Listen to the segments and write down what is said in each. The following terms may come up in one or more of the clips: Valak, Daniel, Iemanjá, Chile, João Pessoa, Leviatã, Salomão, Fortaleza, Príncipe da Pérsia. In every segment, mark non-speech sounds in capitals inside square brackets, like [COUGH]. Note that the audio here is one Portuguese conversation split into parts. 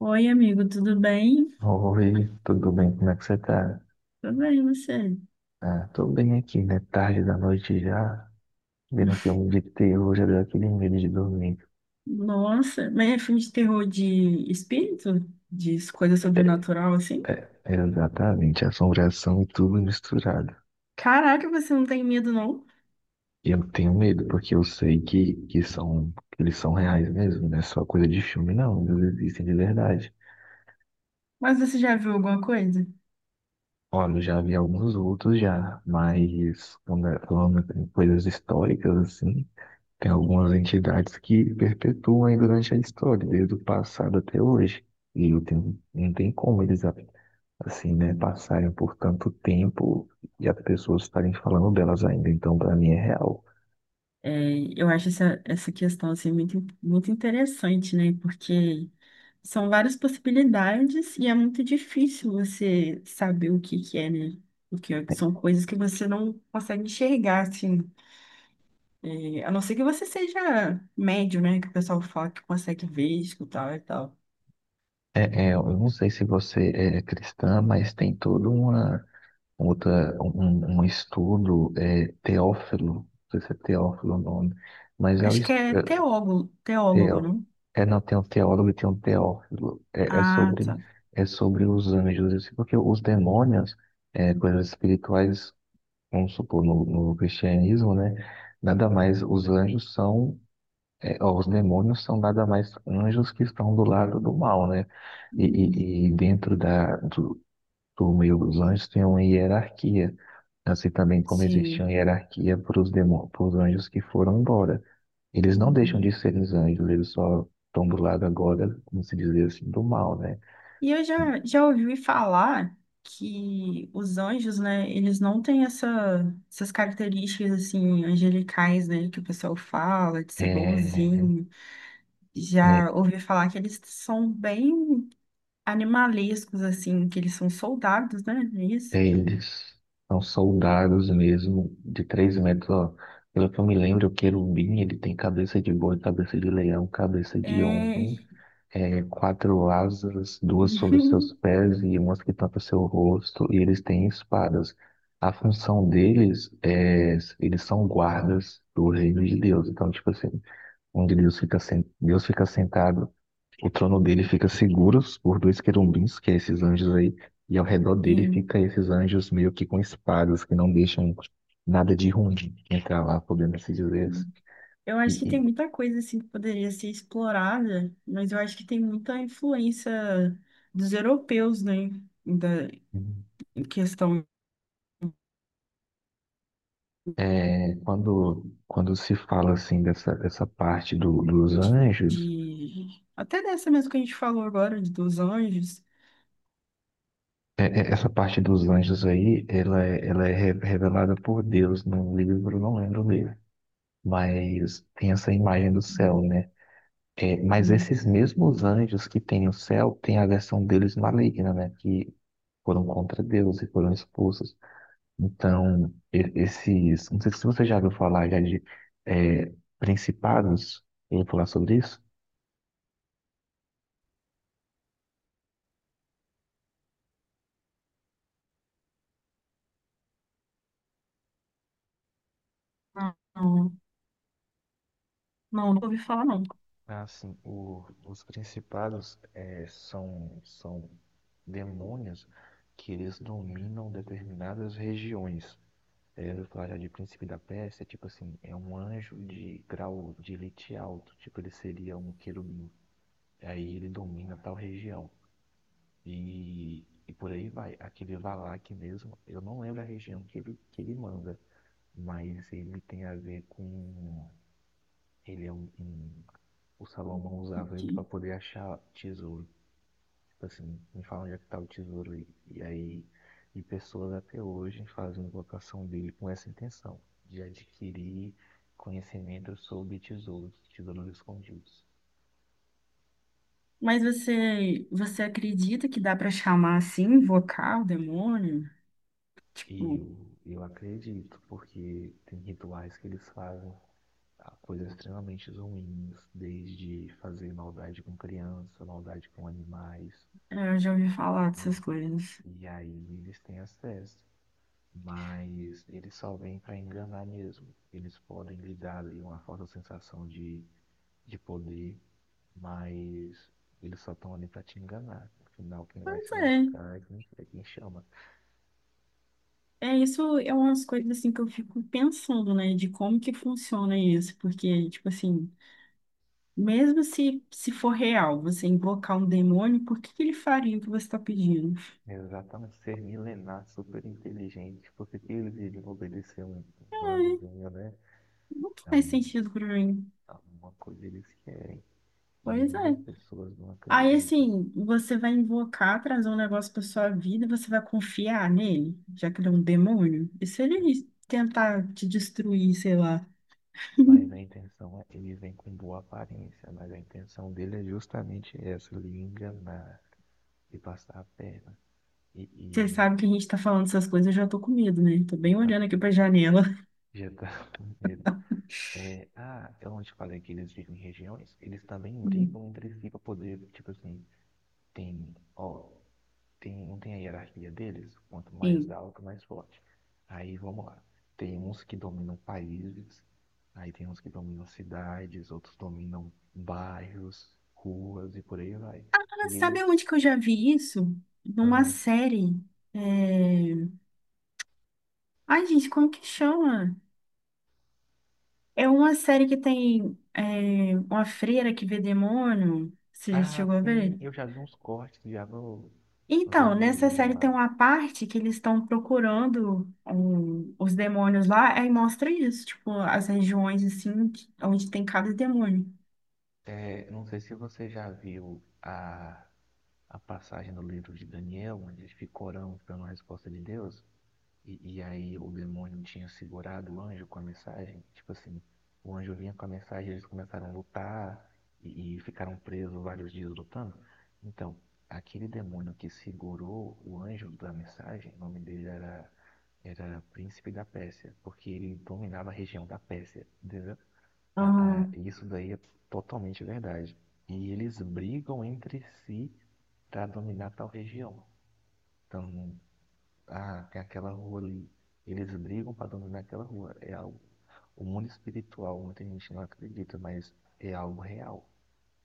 Oi, amigo, tudo bem? Oi, tudo bem? Como é que você tá? Tudo bem, e você? Ah, tô bem aqui, né? Tarde da noite já, vendo um filme de terror, já deu aquele medo de dormir. Nossa, mas é filme de terror de espírito? De coisa É, sobrenatural, assim? é, exatamente, assombração e tudo misturado. Caraca, você não tem medo, não? E eu tenho medo, porque eu sei que eles são reais mesmo, não é só coisa de filme, não, eles existem de verdade. Mas você já viu alguma coisa? Olha, eu já vi alguns outros já, mas falando em coisas históricas, assim, tem algumas entidades que perpetuam aí durante a história, desde o passado até hoje. E não tem como eles, assim, né, passarem por tanto tempo e as pessoas estarem falando delas ainda. Então, para mim, é real. É, eu acho essa questão, assim, muito interessante, né? Porque são várias possibilidades e é muito difícil você saber o que que é, né? Porque são coisas que você não consegue enxergar, assim. E, a não ser que você seja médium, né? Que o pessoal fala que consegue ver, escutar e tal. É, é, eu não sei se você é cristã, mas tem todo uma, outra, um estudo, teófilo, não sei se é teófilo o nome, mas é, o Acho que é estudo, teólogo, teólogo, Teo. não? É, não, tem um teólogo e tem um teófilo. É, é Ah, sobre, tá. é sobre os anjos. Assim, porque os demônios, coisas espirituais, vamos supor, no cristianismo, né? Nada mais, os anjos são, os demônios são nada mais anjos que estão do lado do mal, né? E, Uhum. e, e dentro os anjos têm uma hierarquia, assim também como existia Sim. uma hierarquia para os demônios, para os anjos que foram embora. Eles não deixam Uhum. de ser os anjos, eles só estão do lado agora, como se dizer assim, do mal, né? E eu já ouvi falar que os anjos, né? Eles não têm essa, essas características, assim, angelicais, né? Que o pessoal fala, de ser É, bonzinho. é, Já ouvi falar que eles são bem animalescos, assim, que eles são soldados, né? É isso. é, eles são soldados mesmo, de 3 metros, ó. Pelo que eu me lembro, o querubim, ele tem cabeça de boi, cabeça de leão, cabeça de É, homem, quatro asas, duas sobre os seus [LAUGHS] pés e uma que tampa seu rosto, e eles têm espadas. A função deles é, eles são guardas do reino de Deus. Então, tipo assim, onde Deus fica, Deus fica sentado, o trono dele fica seguro por dois querubins, que é esses anjos aí, e ao redor dele Sim. fica esses anjos meio que com espadas, que não deixam nada de ruim entrar lá, podendo se dizer assim. Sim. Eu acho que tem E, muita coisa assim que poderia ser explorada, mas eu acho que tem muita influência dos europeus, né? Da e- em questão É, quando se fala assim dessa parte dos anjos, de até dessa mesmo que a gente falou agora de- dos anjos. Essa parte dos anjos aí, ela, ela é revelada por Deus num livro, não lembro o livro, mas tem essa imagem do céu, né? É, mas Uhum. Sim. esses mesmos anjos que tem no céu, tem a versão deles maligna, né? Que foram contra Deus e foram expulsos. Então, esses, não sei se você já ouviu falar já de é, principados, eu vou falar sobre isso. Não, não, não, nunca ouvi falar não. Assim, os principados são demônios que eles dominam determinadas regiões. Eu falar já de príncipe da Pérsia, tipo assim, é um anjo de grau de elite alto, tipo ele seria um querubim. Aí ele domina tal região. E por aí vai. Aquele Valak mesmo, eu não lembro a região que ele manda, mas ele tem a ver com. Ele é um. O Salomão usava ele para poder achar tesouros. Tipo assim, me falam onde é que tá o tesouro aí. E aí, e pessoas até hoje fazem vocação dele com essa intenção, de adquirir conhecimento sobre tesouros, tesouros escondidos. Mas você acredita que dá para chamar assim, invocar o demônio? E Tipo, eu acredito, porque tem rituais que eles fazem, coisas extremamente ruins, desde fazer maldade com criança, maldade com animais. Eu já ouvi falar E, dessas coisas. e aí eles têm acesso, mas eles só vêm para enganar mesmo. Eles podem lhe dar ali uma falsa sensação de, poder, mas eles só estão ali para te enganar. Afinal, quem vai Pois se é. lascar é quem chama. É, isso é umas coisas assim que eu fico pensando, né, de como que funciona isso, porque, tipo assim, mesmo se for real, você invocar um demônio, por que que ele faria o que você está pedindo? Exatamente, ser milenar, super inteligente, porque que eles iriam obedecer um Ai, humanozinho, né? não faz sentido pra mim. Alguma coisa eles querem. E Pois muitas é. pessoas não Aí, acreditam. assim, você vai invocar, trazer um negócio pra sua vida, e você vai confiar nele, já que ele é um demônio? E se É. ele tentar te destruir, sei lá? Mas a [LAUGHS] intenção, ele vem com boa aparência, mas a intenção dele é justamente essa, lhe enganar e passar a perna. E, Você e sabe que a gente tá falando essas coisas, eu já tô com medo, né? Tô bem então, olhando aqui pra janela. já tá [LAUGHS] com medo. É, ah, eu não te falei que eles vivem em regiões, eles também brigam [LAUGHS] entre si para poder, tipo assim, tem, ó. Tem, não tem a hierarquia deles? Quanto mais Sim. alto, mais forte. Aí vamos lá. Tem uns que dominam países, aí tem uns que dominam cidades, outros dominam bairros, ruas e por aí vai. E Sabe eles. onde que eu já vi isso? Numa Ah, série. é, Ai, gente, como que chama? É uma série que tem uma freira que vê demônio. Você já ah, chegou a sim, ver? eu já vi uns cortes já no Então, nessa vermelhinho série tem lá. uma parte que eles estão procurando um, os demônios lá, aí mostra isso, tipo, as regiões assim, que- onde tem cada demônio. É, não sei se você já viu a passagem do livro de Daniel, onde ele fica orando pela resposta de Deus. E aí o demônio tinha segurado o anjo com a mensagem. Tipo assim, o anjo vinha com a mensagem, eles começaram a lutar e ficaram presos vários dias lutando. Então, aquele demônio que segurou o anjo da mensagem, o nome dele era, era Príncipe da Pérsia, porque ele dominava a região da Pérsia, entendeu? Ah, Isso daí é totalmente verdade. E eles brigam entre si para dominar tal região. Então, ah, tem aquela rua ali. Eles brigam para dominar aquela rua. É algo. O mundo espiritual, muita gente não acredita, mas é algo real.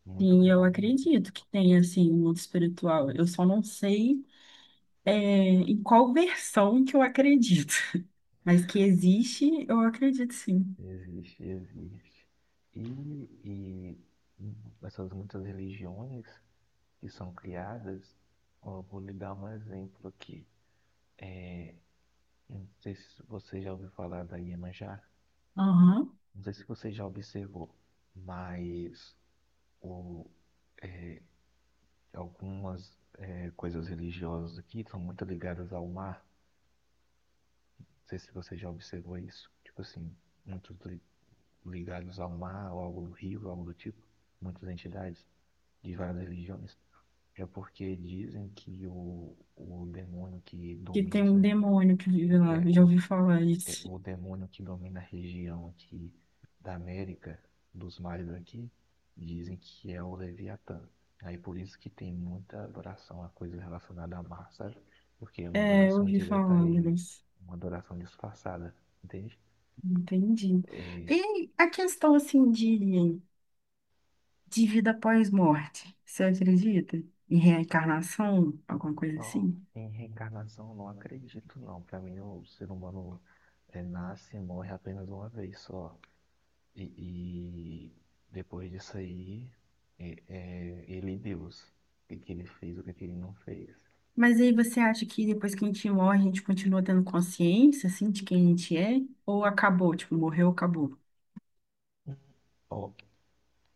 Muito sim, eu real mesmo. acredito que tem assim, um mundo espiritual. Eu só não sei em qual versão que eu acredito. Mas que existe, eu acredito sim. Existe, existe. E essas muitas religiões que são criadas, ó, eu vou lhe dar um exemplo aqui. É, não sei se você já ouviu falar da Iemanjá, Aham. não sei se você já observou, mas o, é, algumas coisas religiosas aqui são muito ligadas ao mar. Não sei se você já observou isso. Tipo assim, muitos ligados ao mar, ou algo do rio, algo do tipo. Muitas entidades de várias religiões. É porque dizem que o demônio que Que domina tem um essa, demônio que vive lá. é, Eu já o ouvi falar isso. o demônio que domina a região aqui da América, dos mares aqui, dizem que é o Leviatã. Aí por isso que tem muita adoração a coisa relacionada a mar, sabe? Porque é uma É, eu adoração ouvi falar, direta a ele, mas uma adoração disfarçada, entende? entendi. É, E a questão assim de vida após morte, você acredita? Em reencarnação, alguma coisa ó, assim? em reencarnação eu não acredito não. Pra mim o ser humano nasce e morre apenas uma vez só. E, e depois disso aí, é ele e Deus. O que ele fez, o que ele não fez. Mas aí você acha que depois que a gente morre, a gente continua tendo consciência, assim, de quem a gente é? Ou acabou, tipo, morreu, acabou? Ó,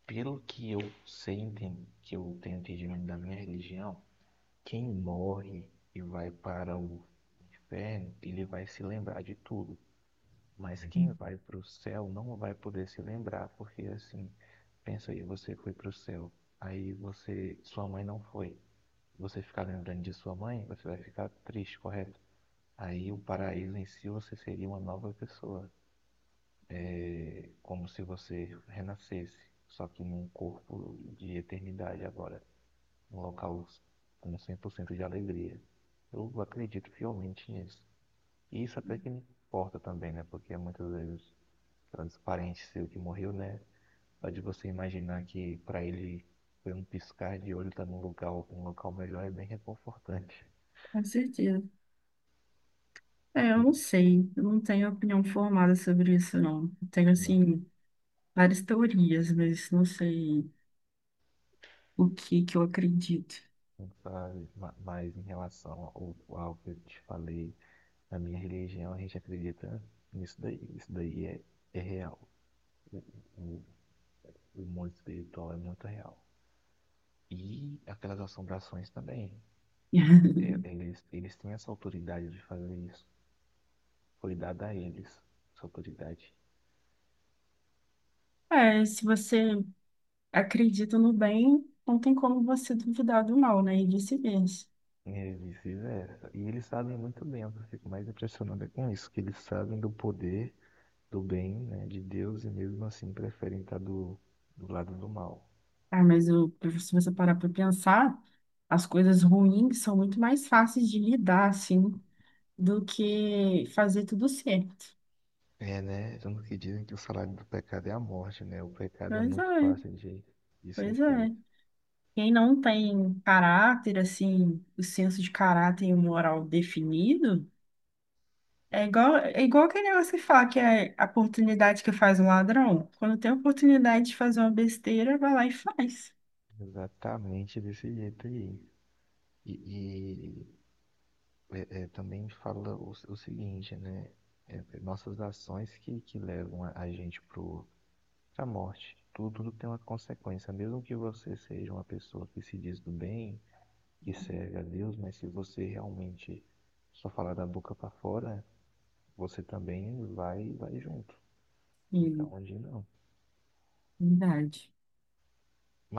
pelo que eu sei, que eu tenho entendimento da minha religião, quem morre e vai para o inferno, ele vai se lembrar de tudo. Mas quem vai para o céu não vai poder se lembrar, porque assim, pensa aí, você foi para o céu, aí você, sua mãe não foi. Você ficar lembrando de sua mãe, você vai ficar triste, correto? Aí o paraíso em si você seria uma nova pessoa. É como se você renascesse, só que num corpo de eternidade agora, num local com 100% de alegria. Eu acredito fielmente nisso. E isso até que me importa também, né? Porque muitas vezes transparente ser o que morreu, né? Só de você imaginar que para ele foi um piscar de olho, tá num lugar, um local melhor, é bem reconfortante. Com certeza. É, eu não Sim. sei, eu não tenho opinião formada sobre isso, não. Eu tenho, Não. assim, várias teorias, mas não sei o que que eu acredito. Sabe? Mas em relação ao que eu te falei, na minha religião a gente acredita nisso daí. Isso daí é real. O, o, o mundo espiritual é muito real. E aquelas assombrações também. [LAUGHS] É, eles têm essa autoridade de fazer isso. Foi dada a eles essa autoridade. É, se você acredita no bem, não tem como você duvidar do mal, né? E vice-versa. E é vice-versa. E eles sabem muito bem. Eu fico mais impressionado é com isso, que eles sabem do poder do bem, né, de Deus e mesmo assim preferem estar do, lado do mal. Ah, mas o- se você parar para pensar, as coisas ruins são muito mais fáceis de lidar, assim, do que fazer tudo certo. É, né? Tanto que dizem que o salário do pecado é a morte, né? O pecado é Pois muito é, fácil de ser pois é. feito. Quem não tem caráter, assim, o senso de caráter e o moral definido, é igual aquele negócio que fala que é a oportunidade que faz o ladrão. Quando tem a oportunidade de fazer uma besteira, vai lá e faz. Exatamente desse jeito aí. E também fala o seguinte, né? É, é, nossas ações que levam a gente pra morte. Tudo tem uma consequência. Mesmo que você seja uma pessoa que se diz do bem, que serve a Deus, mas se você realmente só falar da boca para fora, você também vai, junto. E, Então, onde não? verdade.